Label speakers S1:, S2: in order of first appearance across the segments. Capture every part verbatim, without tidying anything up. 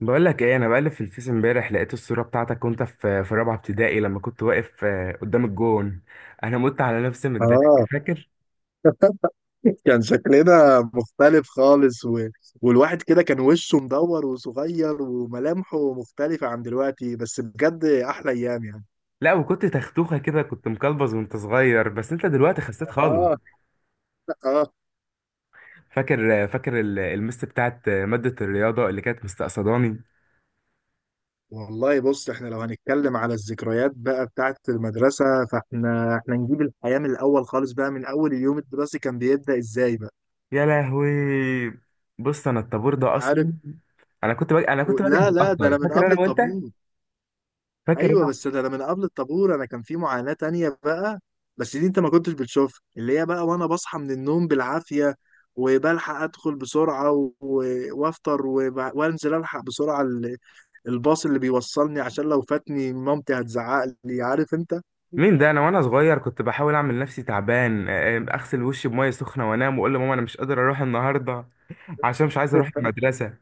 S1: بقول لك ايه، انا بقلب في الفيس امبارح لقيت الصوره بتاعتك وانت في في رابعه ابتدائي لما كنت واقف آه، قدام الجون. انا مت على نفسي من الضحك،
S2: اه،
S1: فاكر.
S2: كان شكلنا مختلف خالص و... والواحد كده كان وشه مدور وصغير وملامحه مختلفة عن دلوقتي، بس بجد احلى ايام يعني.
S1: لا وكنت تختوخه كده، كنت مكلبز وانت صغير، بس انت دلوقتي خسيت خالص.
S2: اه اه
S1: فاكر آه، فاكر ال- المس بتاعت آه، ماده الرياضه اللي كانت مستقصداني.
S2: والله بص، احنا لو هنتكلم على الذكريات بقى بتاعت المدرسة، فاحنا احنا نجيب الحياة من الاول خالص بقى، من اول اليوم الدراسي كان بيبدأ ازاي بقى.
S1: يا لهوي! بص انا الطابور ده
S2: عارف،
S1: اصلا، انا كنت باجي انا كنت باجي
S2: لا لا، ده
S1: متاخر،
S2: انا من
S1: فاكر
S2: قبل
S1: انا وانت؟
S2: الطابور.
S1: فاكر؟
S2: ايوه بس ده انا من قبل الطابور، انا كان في معاناة تانية بقى. بس دي انت ما كنتش بتشوفها، اللي هي بقى وانا بصحى من النوم بالعافية، وبلحق ادخل بسرعة و- وافطر وب- وانزل الحق بسرعة ال- الباص اللي بيوصلني، عشان لو فاتني مامتي هتزعق لي، عارف انت.
S1: مين ده؟ انا وانا صغير كنت بحاول اعمل نفسي تعبان، آه، اغسل وشي بميه سخنه وانام واقول لماما انا مش قادر اروح النهارده عشان مش عايز اروح المدرسه.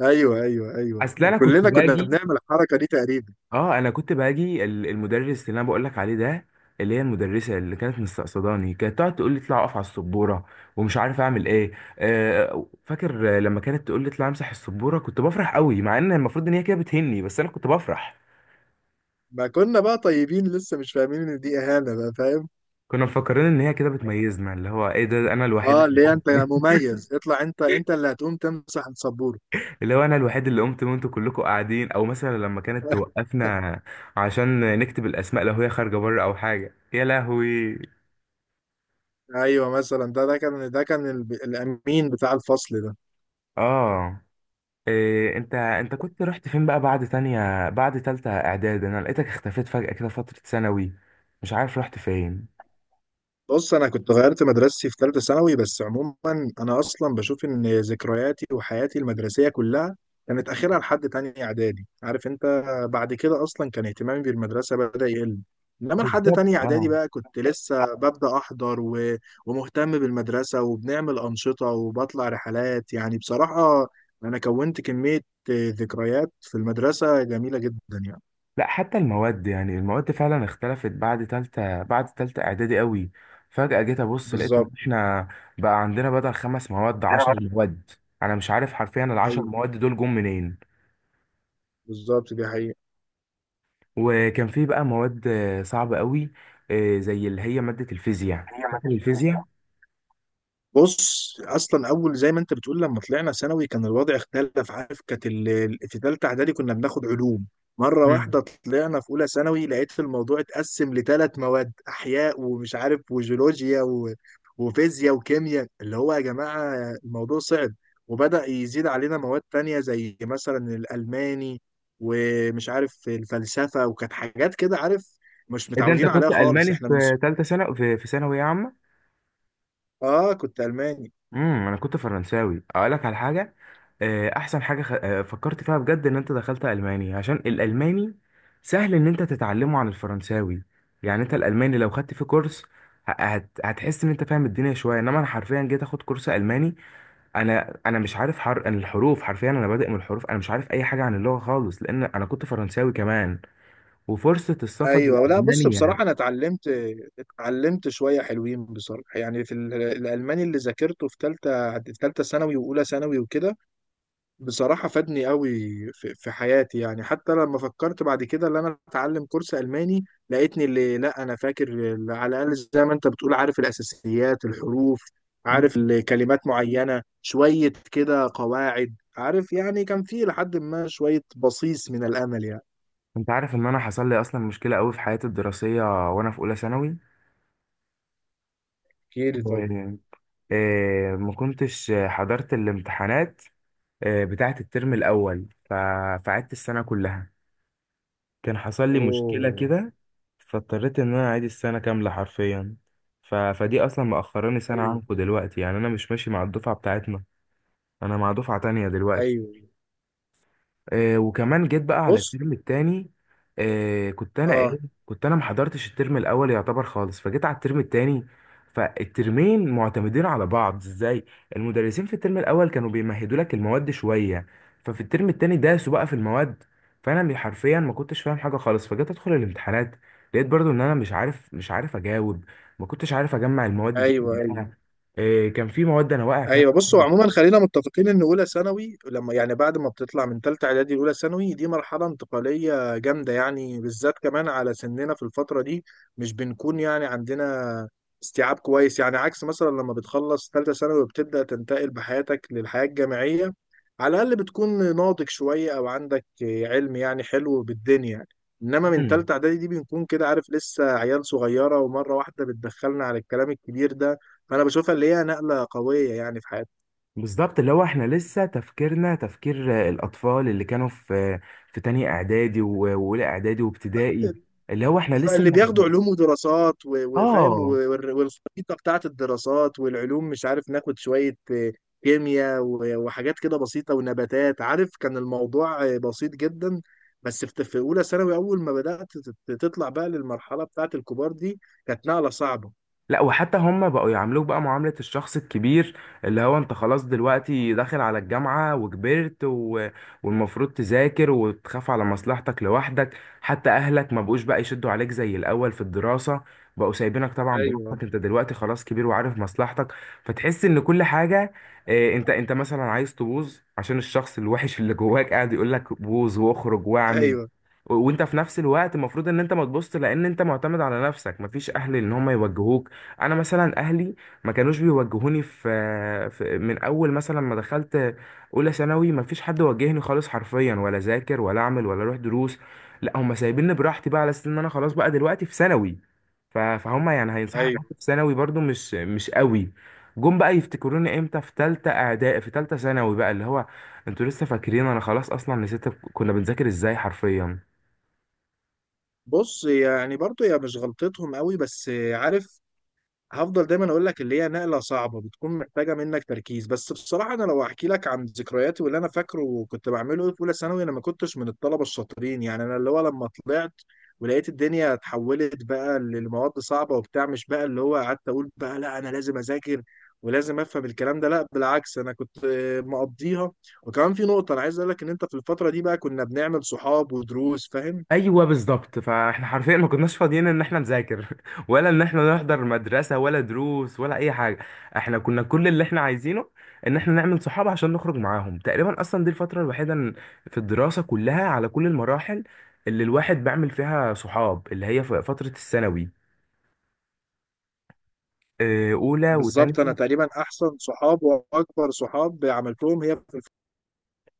S2: ايوه، ايوه، ايوه،
S1: اصل انا كنت
S2: كلنا كنا
S1: باجي
S2: بنعمل الحركة دي تقريبا.
S1: اه انا كنت باجي ال- المدرس اللي انا بقول لك عليه ده، اللي هي المدرسه اللي كانت مستقصداني، كانت تقعد تقول لي اطلع اقف على السبوره، ومش عارف اعمل ايه. آه، فاكر آه، لما كانت تقول لي اطلع امسح السبوره كنت بفرح قوي، مع ان المفروض ان هي كده بتهني، بس انا كنت بفرح.
S2: ما كنا بقى طيبين، لسه مش فاهمين ان دي اهانة بقى، فاهم.
S1: كنا مفكرين ان هي كده بتميزنا، اللي هو ايه ده، انا الوحيد
S2: اه،
S1: اللي
S2: اللي هي
S1: قمت.
S2: انت مميز، اطلع انت انت اللي هتقوم تمسح السبورة.
S1: اللي هو انا الوحيد اللي قمت وانتوا كلكم قاعدين، او مثلا لما كانت توقفنا عشان نكتب الاسماء لو هي خارجه بره او حاجه. يا لهوي!
S2: ايوه مثلا، ده ده كان ده كان الب- الامين بتاع الفصل ده.
S1: اه. إيه، انت انت كنت رحت فين بقى بعد تانية، بعد تالتة اعداد؟ انا لقيتك اختفيت فجأة كده فترة ثانوي، مش عارف رحت فين.
S2: بص، انا كنت غيرت مدرستي في ثالثه ثانوي، بس عموما انا اصلا بشوف ان ذكرياتي وحياتي المدرسيه كلها كانت اخرها لحد تانية اعدادي، عارف انت. بعد كده اصلا كان اهتمامي بالمدرسه بدا يقل. انما لحد
S1: بالظبط،
S2: تانية اعدادي
S1: اه.
S2: بقى كنت لسه ببدا احضر و... ومهتم بالمدرسه، وبنعمل انشطه وبطلع رحلات، يعني بصراحه انا كونت كميه ذكريات في المدرسه جميله جدا، يعني.
S1: لا حتى المواد، يعني المواد فعلا اختلفت بعد تالتة بعد تالتة اعدادي قوي. فجأة جيت ابص لقيت ان
S2: بالظبط،
S1: احنا بقى عندنا بدل خمس مواد
S2: دي انا
S1: عشر
S2: بقى.
S1: مواد. انا مش عارف حرفيا العشر
S2: ايوه
S1: مواد دول جم منين.
S2: بالظبط، دي حقيقة.
S1: وكان في بقى مواد آه، صعبة قوي، آه، زي اللي هي مادة الفيزياء.
S2: هي
S1: فاكر
S2: ماده
S1: الفيزياء؟
S2: الفيزياء. بص، اصلا اول زي ما انت بتقول، لما طلعنا ثانوي كان الوضع اختلف، عارف، كانت ال- ال- في ثالثه اعدادي كنا بناخد علوم مره
S1: امم
S2: واحده. طلعنا في اولى ثانوي لقيت في الموضوع اتقسم لثلاث مواد، احياء ومش عارف وجيولوجيا و... وفيزياء وكيمياء، اللي هو يا جماعه الموضوع صعب، وبدأ يزيد علينا مواد تانية زي مثلا الالماني ومش عارف الفلسفه، وكانت حاجات كده، عارف مش
S1: إيه ده، انت
S2: متعودين
S1: كنت
S2: عليها خالص
S1: الماني
S2: احنا من.
S1: في تالتة سنة في في ثانوية عامة؟
S2: اه كنت الماني.
S1: امم انا كنت فرنساوي. اقول لك على حاجة، آه، احسن حاجه خ... آه، فكرت فيها بجد ان انت دخلت الماني عشان الالماني سهل ان انت تتعلمه عن الفرنساوي. يعني انت الالماني لو خدت فيه كورس ه- هت... هتحس ان انت فاهم الدنيا شويه، انما انا حرفيا جيت اخد كورس الماني. انا انا مش عارف حر... أنا الحروف حرفيا، انا بادئ من الحروف، انا مش عارف اي حاجه عن اللغه خالص، لان انا كنت فرنساوي كمان، وفرصه السفر
S2: ايوه، لا بص
S1: لالمانيا.
S2: بصراحه انا اتعلمت اتعلمت شويه حلوين بصراحه، يعني في ال- الالماني اللي ذاكرته في ثالثه في ثالثه ثانوي واولى ثانوي وكده، بصراحه فادني قوي في, في حياتي، يعني حتى لما فكرت بعد كده ان انا اتعلم كورس الماني لقيتني اللي لا انا فاكر، اللي على الاقل زي ما انت بتقول عارف الاساسيات الحروف، عارف الكلمات معينه شويه كده قواعد، عارف يعني كان في لحد ما شويه بصيص من الامل يعني.
S1: انت عارف ان انا حصل لي اصلا مشكله قوي في حياتي الدراسيه وانا في اولى ثانوي؟
S2: احكي لي طيب.
S1: آه، آه، ما كنتش حضرت الامتحانات، آه، بتاعة الترم الأول، ف- فقعدت السنة كلها. كان حصل لي مشكلة
S2: اوه.
S1: كده، فاضطريت إن أنا أعيد السنة كاملة حرفيا. ف... فدي أصلا مأخراني سنة عنكم
S2: ايوه
S1: دلوقتي، يعني أنا مش ماشي مع الدفعة بتاعتنا. أنا مع دفعة تانية دلوقتي.
S2: ايوه.
S1: آه وكمان جيت بقى على
S2: بص.
S1: الترم التاني. آه كنت انا
S2: اه.
S1: ايه كنت انا محضرتش الترم الاول يعتبر خالص، فجيت على الترم التاني. فالترمين معتمدين على بعض ازاي؟ المدرسين في الترم الاول كانوا بيمهدوا لك المواد شويه، ففي الترم التاني داسوا بقى في المواد. فانا م- حرفيا ما كنتش فاهم حاجه خالص، فجيت ادخل الامتحانات لقيت برضو ان انا مش عارف مش عارف اجاوب، ما كنتش عارف اجمع المواد دي
S2: ايوه أيوه.
S1: كلها. آه كان في مواد انا واقع فيها
S2: ايوه بصوا
S1: خالص.
S2: عموما، خلينا متفقين ان اولى ثانوي، لما يعني بعد ما بتطلع من ثالثه اعدادي لاولى ثانوي، دي مرحله انتقاليه جامده، يعني بالذات كمان على سننا في الفتره دي مش بنكون يعني عندنا استيعاب كويس، يعني عكس مثلا لما بتخلص ثالثه ثانوي وبتبدا تنتقل بحياتك للحياه الجامعيه، على الاقل بتكون ناضج شويه او عندك علم يعني حلو بالدنيا، يعني. انما من ثالثه اعدادي دي بنكون كده عارف لسه عيال صغيره، ومره واحده بتدخلنا على الكلام الكبير ده، فانا بشوفها اللي هي نقله قويه يعني في حياه.
S1: بالظبط، اللي هو احنا لسه تفكيرنا تفكير آه، الأطفال اللي كانوا في في تانية إعدادي و- وأولى إعدادي وابتدائي، اللي هو احنا لسه
S2: اللي
S1: ما-
S2: بياخدوا علوم ودراسات و- وفاهم و-
S1: اه.
S2: وال- والخريطه بتاعت الدراسات والعلوم، مش عارف ناخد شويه آه، كيمياء و- وحاجات كده بسيطه ونباتات، عارف كان الموضوع آه، بسيط جدا. بس في في اولى ثانوي اول ما بدات تت- تطلع بقى للمرحله بتاعت الكبار دي، كانت نقله صعبه.
S1: لا وحتى هم بقوا يعاملوك بقى معاملة الشخص الكبير، اللي هو انت خلاص دلوقتي داخل على الجامعة وكبرت، و... والمفروض تذاكر وتخاف على مصلحتك لوحدك. حتى اهلك ما بقوش بقى يشدوا عليك زي الاول في الدراسة، بقوا سايبينك طبعا
S2: ايوه
S1: براحتك، انت دلوقتي خلاص كبير وعارف مصلحتك، فتحس ان كل حاجة. اه، انت انت مثلا عايز تبوظ، عشان الشخص الوحش اللي جواك قاعد يقولك بوظ واخرج واعمل،
S2: ايوه
S1: و- وانت في نفس الوقت المفروض ان انت ما تبص، لان انت معتمد على نفسك، مفيش اهل ان هم يوجهوك. انا مثلا اهلي ما كانوش بيوجهوني في, في من اول مثلا ما دخلت اولى ثانوي، مفيش حد وجهني خالص حرفيا، ولا ذاكر ولا اعمل ولا اروح دروس. لا، هم سايبيني براحتي بقى على اساس ان انا خلاص بقى دلوقتي في ثانوي، ف- فهم يعني هينصحوا
S2: ايوه.
S1: بحاجة في ثانوي برضو، مش مش قوي. جم بقى يفتكروني امتى، في تالتة اعدادي في تالتة ثانوي بقى، اللي هو انتوا لسه فاكرين؟ انا خلاص اصلا نسيت كنا بنذاكر ازاي حرفيا.
S2: بص يعني برضو هي مش غلطتهم قوي، بس عارف هفضل دايما اقول لك اللي هي نقله صعبه بتكون محتاجه منك تركيز، بس بصراحه انا لو احكي لك عن ذكرياتي واللي انا فاكره وكنت بعمله في اولى ثانوي، انا ما كنتش من الطلبه الشاطرين يعني، انا اللي هو لما طلعت ولقيت الدنيا اتحولت بقى للمواد صعبه وبتاع، مش بقى اللي هو قعدت اقول بقى لا انا لازم اذاكر ولازم افهم الكلام ده، لا بالعكس انا كنت آه، مقضيها. وكمان في نقطه انا عايز اقول لك ان انت في الفتره دي بقى كنا بنعمل صحاب ودروس، فاهم.
S1: ايوه، بالظبط، فاحنا حرفيا ما كناش فاضيين ان احنا نذاكر ولا ان احنا نحضر مدرسه ولا دروس ولا اي حاجه. احنا كنا كل اللي احنا عايزينه ان احنا نعمل صحاب عشان نخرج معاهم. تقريبا اصلا دي الفتره الوحيده إن- في الدراسه كلها، على كل المراحل، اللي الواحد بيعمل فيها صحاب، اللي هي ف- فتره الثانوي، آه، اولى
S2: بالظبط، انا
S1: وتانية،
S2: تقريبا احسن صحاب واكبر صحاب عملتهم هي في.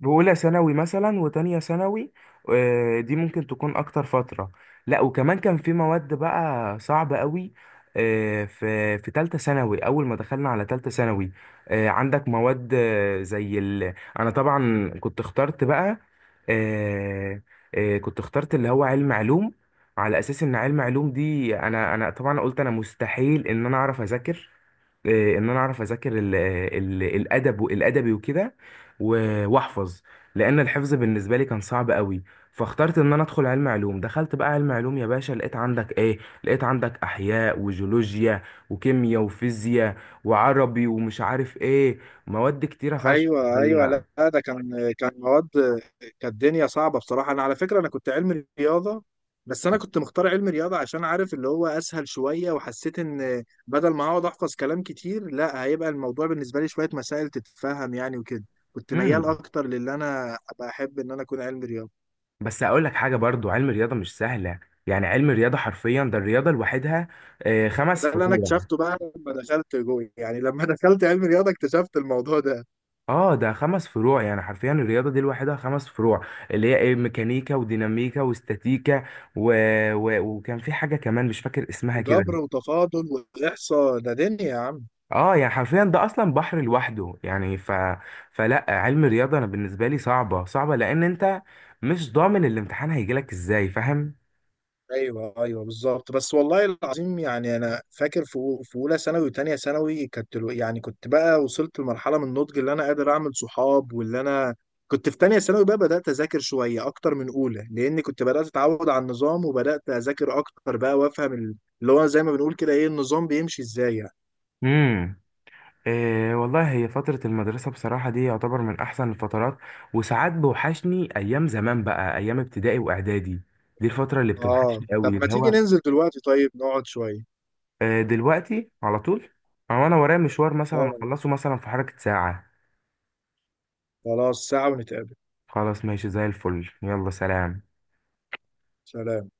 S1: بأولى ثانوي مثلا وتانية ثانوي. آه، دي ممكن تكون أكتر فترة. لا وكمان كان في مواد بقى صعبة قوي، آه، في في تالتة ثانوي. أول ما دخلنا على تالتة ثانوي آه، عندك مواد آه، زي ال... أنا طبعا كنت اخترت بقى، آه، آه، كنت اخترت اللي هو علم علوم، على أساس إن علم علوم دي، أنا أنا طبعا قلت أنا مستحيل إن أنا أعرف أذاكر، آه، ان انا اعرف اذاكر ال ال الادب والادبي وكده، و- واحفظ، لان الحفظ بالنسبه لي كان صعب قوي. فاخترت ان انا ادخل علم علوم. دخلت بقى علم علوم يا باشا، لقيت عندك ايه؟ لقيت عندك احياء وجيولوجيا وكيمياء وفيزياء وعربي ومش عارف ايه، مواد كتيره فشخ.
S2: ايوه ايوه،
S1: فال-
S2: لا ده كان كان مواد، كانت الدنيا صعبه بصراحه. انا على فكره انا كنت علمي رياضه، بس انا كنت مختار علمي رياضه عشان عارف اللي هو اسهل شويه، وحسيت ان بدل ما اقعد احفظ كلام كتير لا هيبقى الموضوع بالنسبه لي شويه مسائل تتفهم يعني وكده. كنت ميال
S1: امم
S2: اكتر للي انا ابقى احب ان انا اكون علمي رياضه.
S1: بس اقول لك حاجه، برضو علم الرياضه مش سهله. يعني علم الرياضه حرفيا، ده الرياضه لوحدها آه، خمس
S2: ده اللي انا
S1: فروع.
S2: اكتشفته بقى لما دخلت جوه، يعني لما دخلت علمي رياضه اكتشفت الموضوع ده.
S1: اه، ده خمس فروع، يعني حرفيا الرياضة دي لوحدها خمس فروع، اللي هي ايه، ميكانيكا وديناميكا واستاتيكا و... و... وكان في حاجة كمان مش فاكر اسمها
S2: وجبر
S1: كده.
S2: وتفاضل واحصاء، ده دنيا يا عم.
S1: اه، يعني حرفيا ده اصلا بحر لوحده، يعني ف... فلا، علم الرياضة انا بالنسبة لي صعبة صعبة، لان انت مش ضامن الامتحان هيجيلك ازاي، فاهم؟
S2: ايوه ايوه بالظبط، بس والله العظيم يعني انا فاكر في أو- في اولى ثانوي وثانيه ثانوي، كنت الو- يعني كنت بقى وصلت لمرحله من النضج اللي انا قادر اعمل صحاب، واللي انا كنت في ثانيه ثانوي بقى بدات اذاكر شويه اكتر من اولى، لان كنت بدات اتعود على النظام وبدات اذاكر اكتر بقى وافهم ال- اللي هو زي ما بنقول كده ايه النظام بيمشي ازاي يعني.
S1: امم إيه والله، هي فترة المدرسة بصراحة دي يعتبر من احسن الفترات، وساعات بوحشني ايام زمان بقى، ايام ابتدائي واعدادي، دي الفترة اللي
S2: اه
S1: بتوحشني
S2: طب
S1: قوي،
S2: ما
S1: اللي
S2: تيجي
S1: هو
S2: ننزل دلوقتي، طيب نقعد شويه.
S1: آه، دلوقتي على طول، او انا ورايا مشوار مثلا
S2: اه
S1: اخلصه مثلا في حركة ساعة.
S2: خلاص، ساعه ونتقابل.
S1: خلاص، ماشي زي الفل، يلا سلام.
S2: سلام.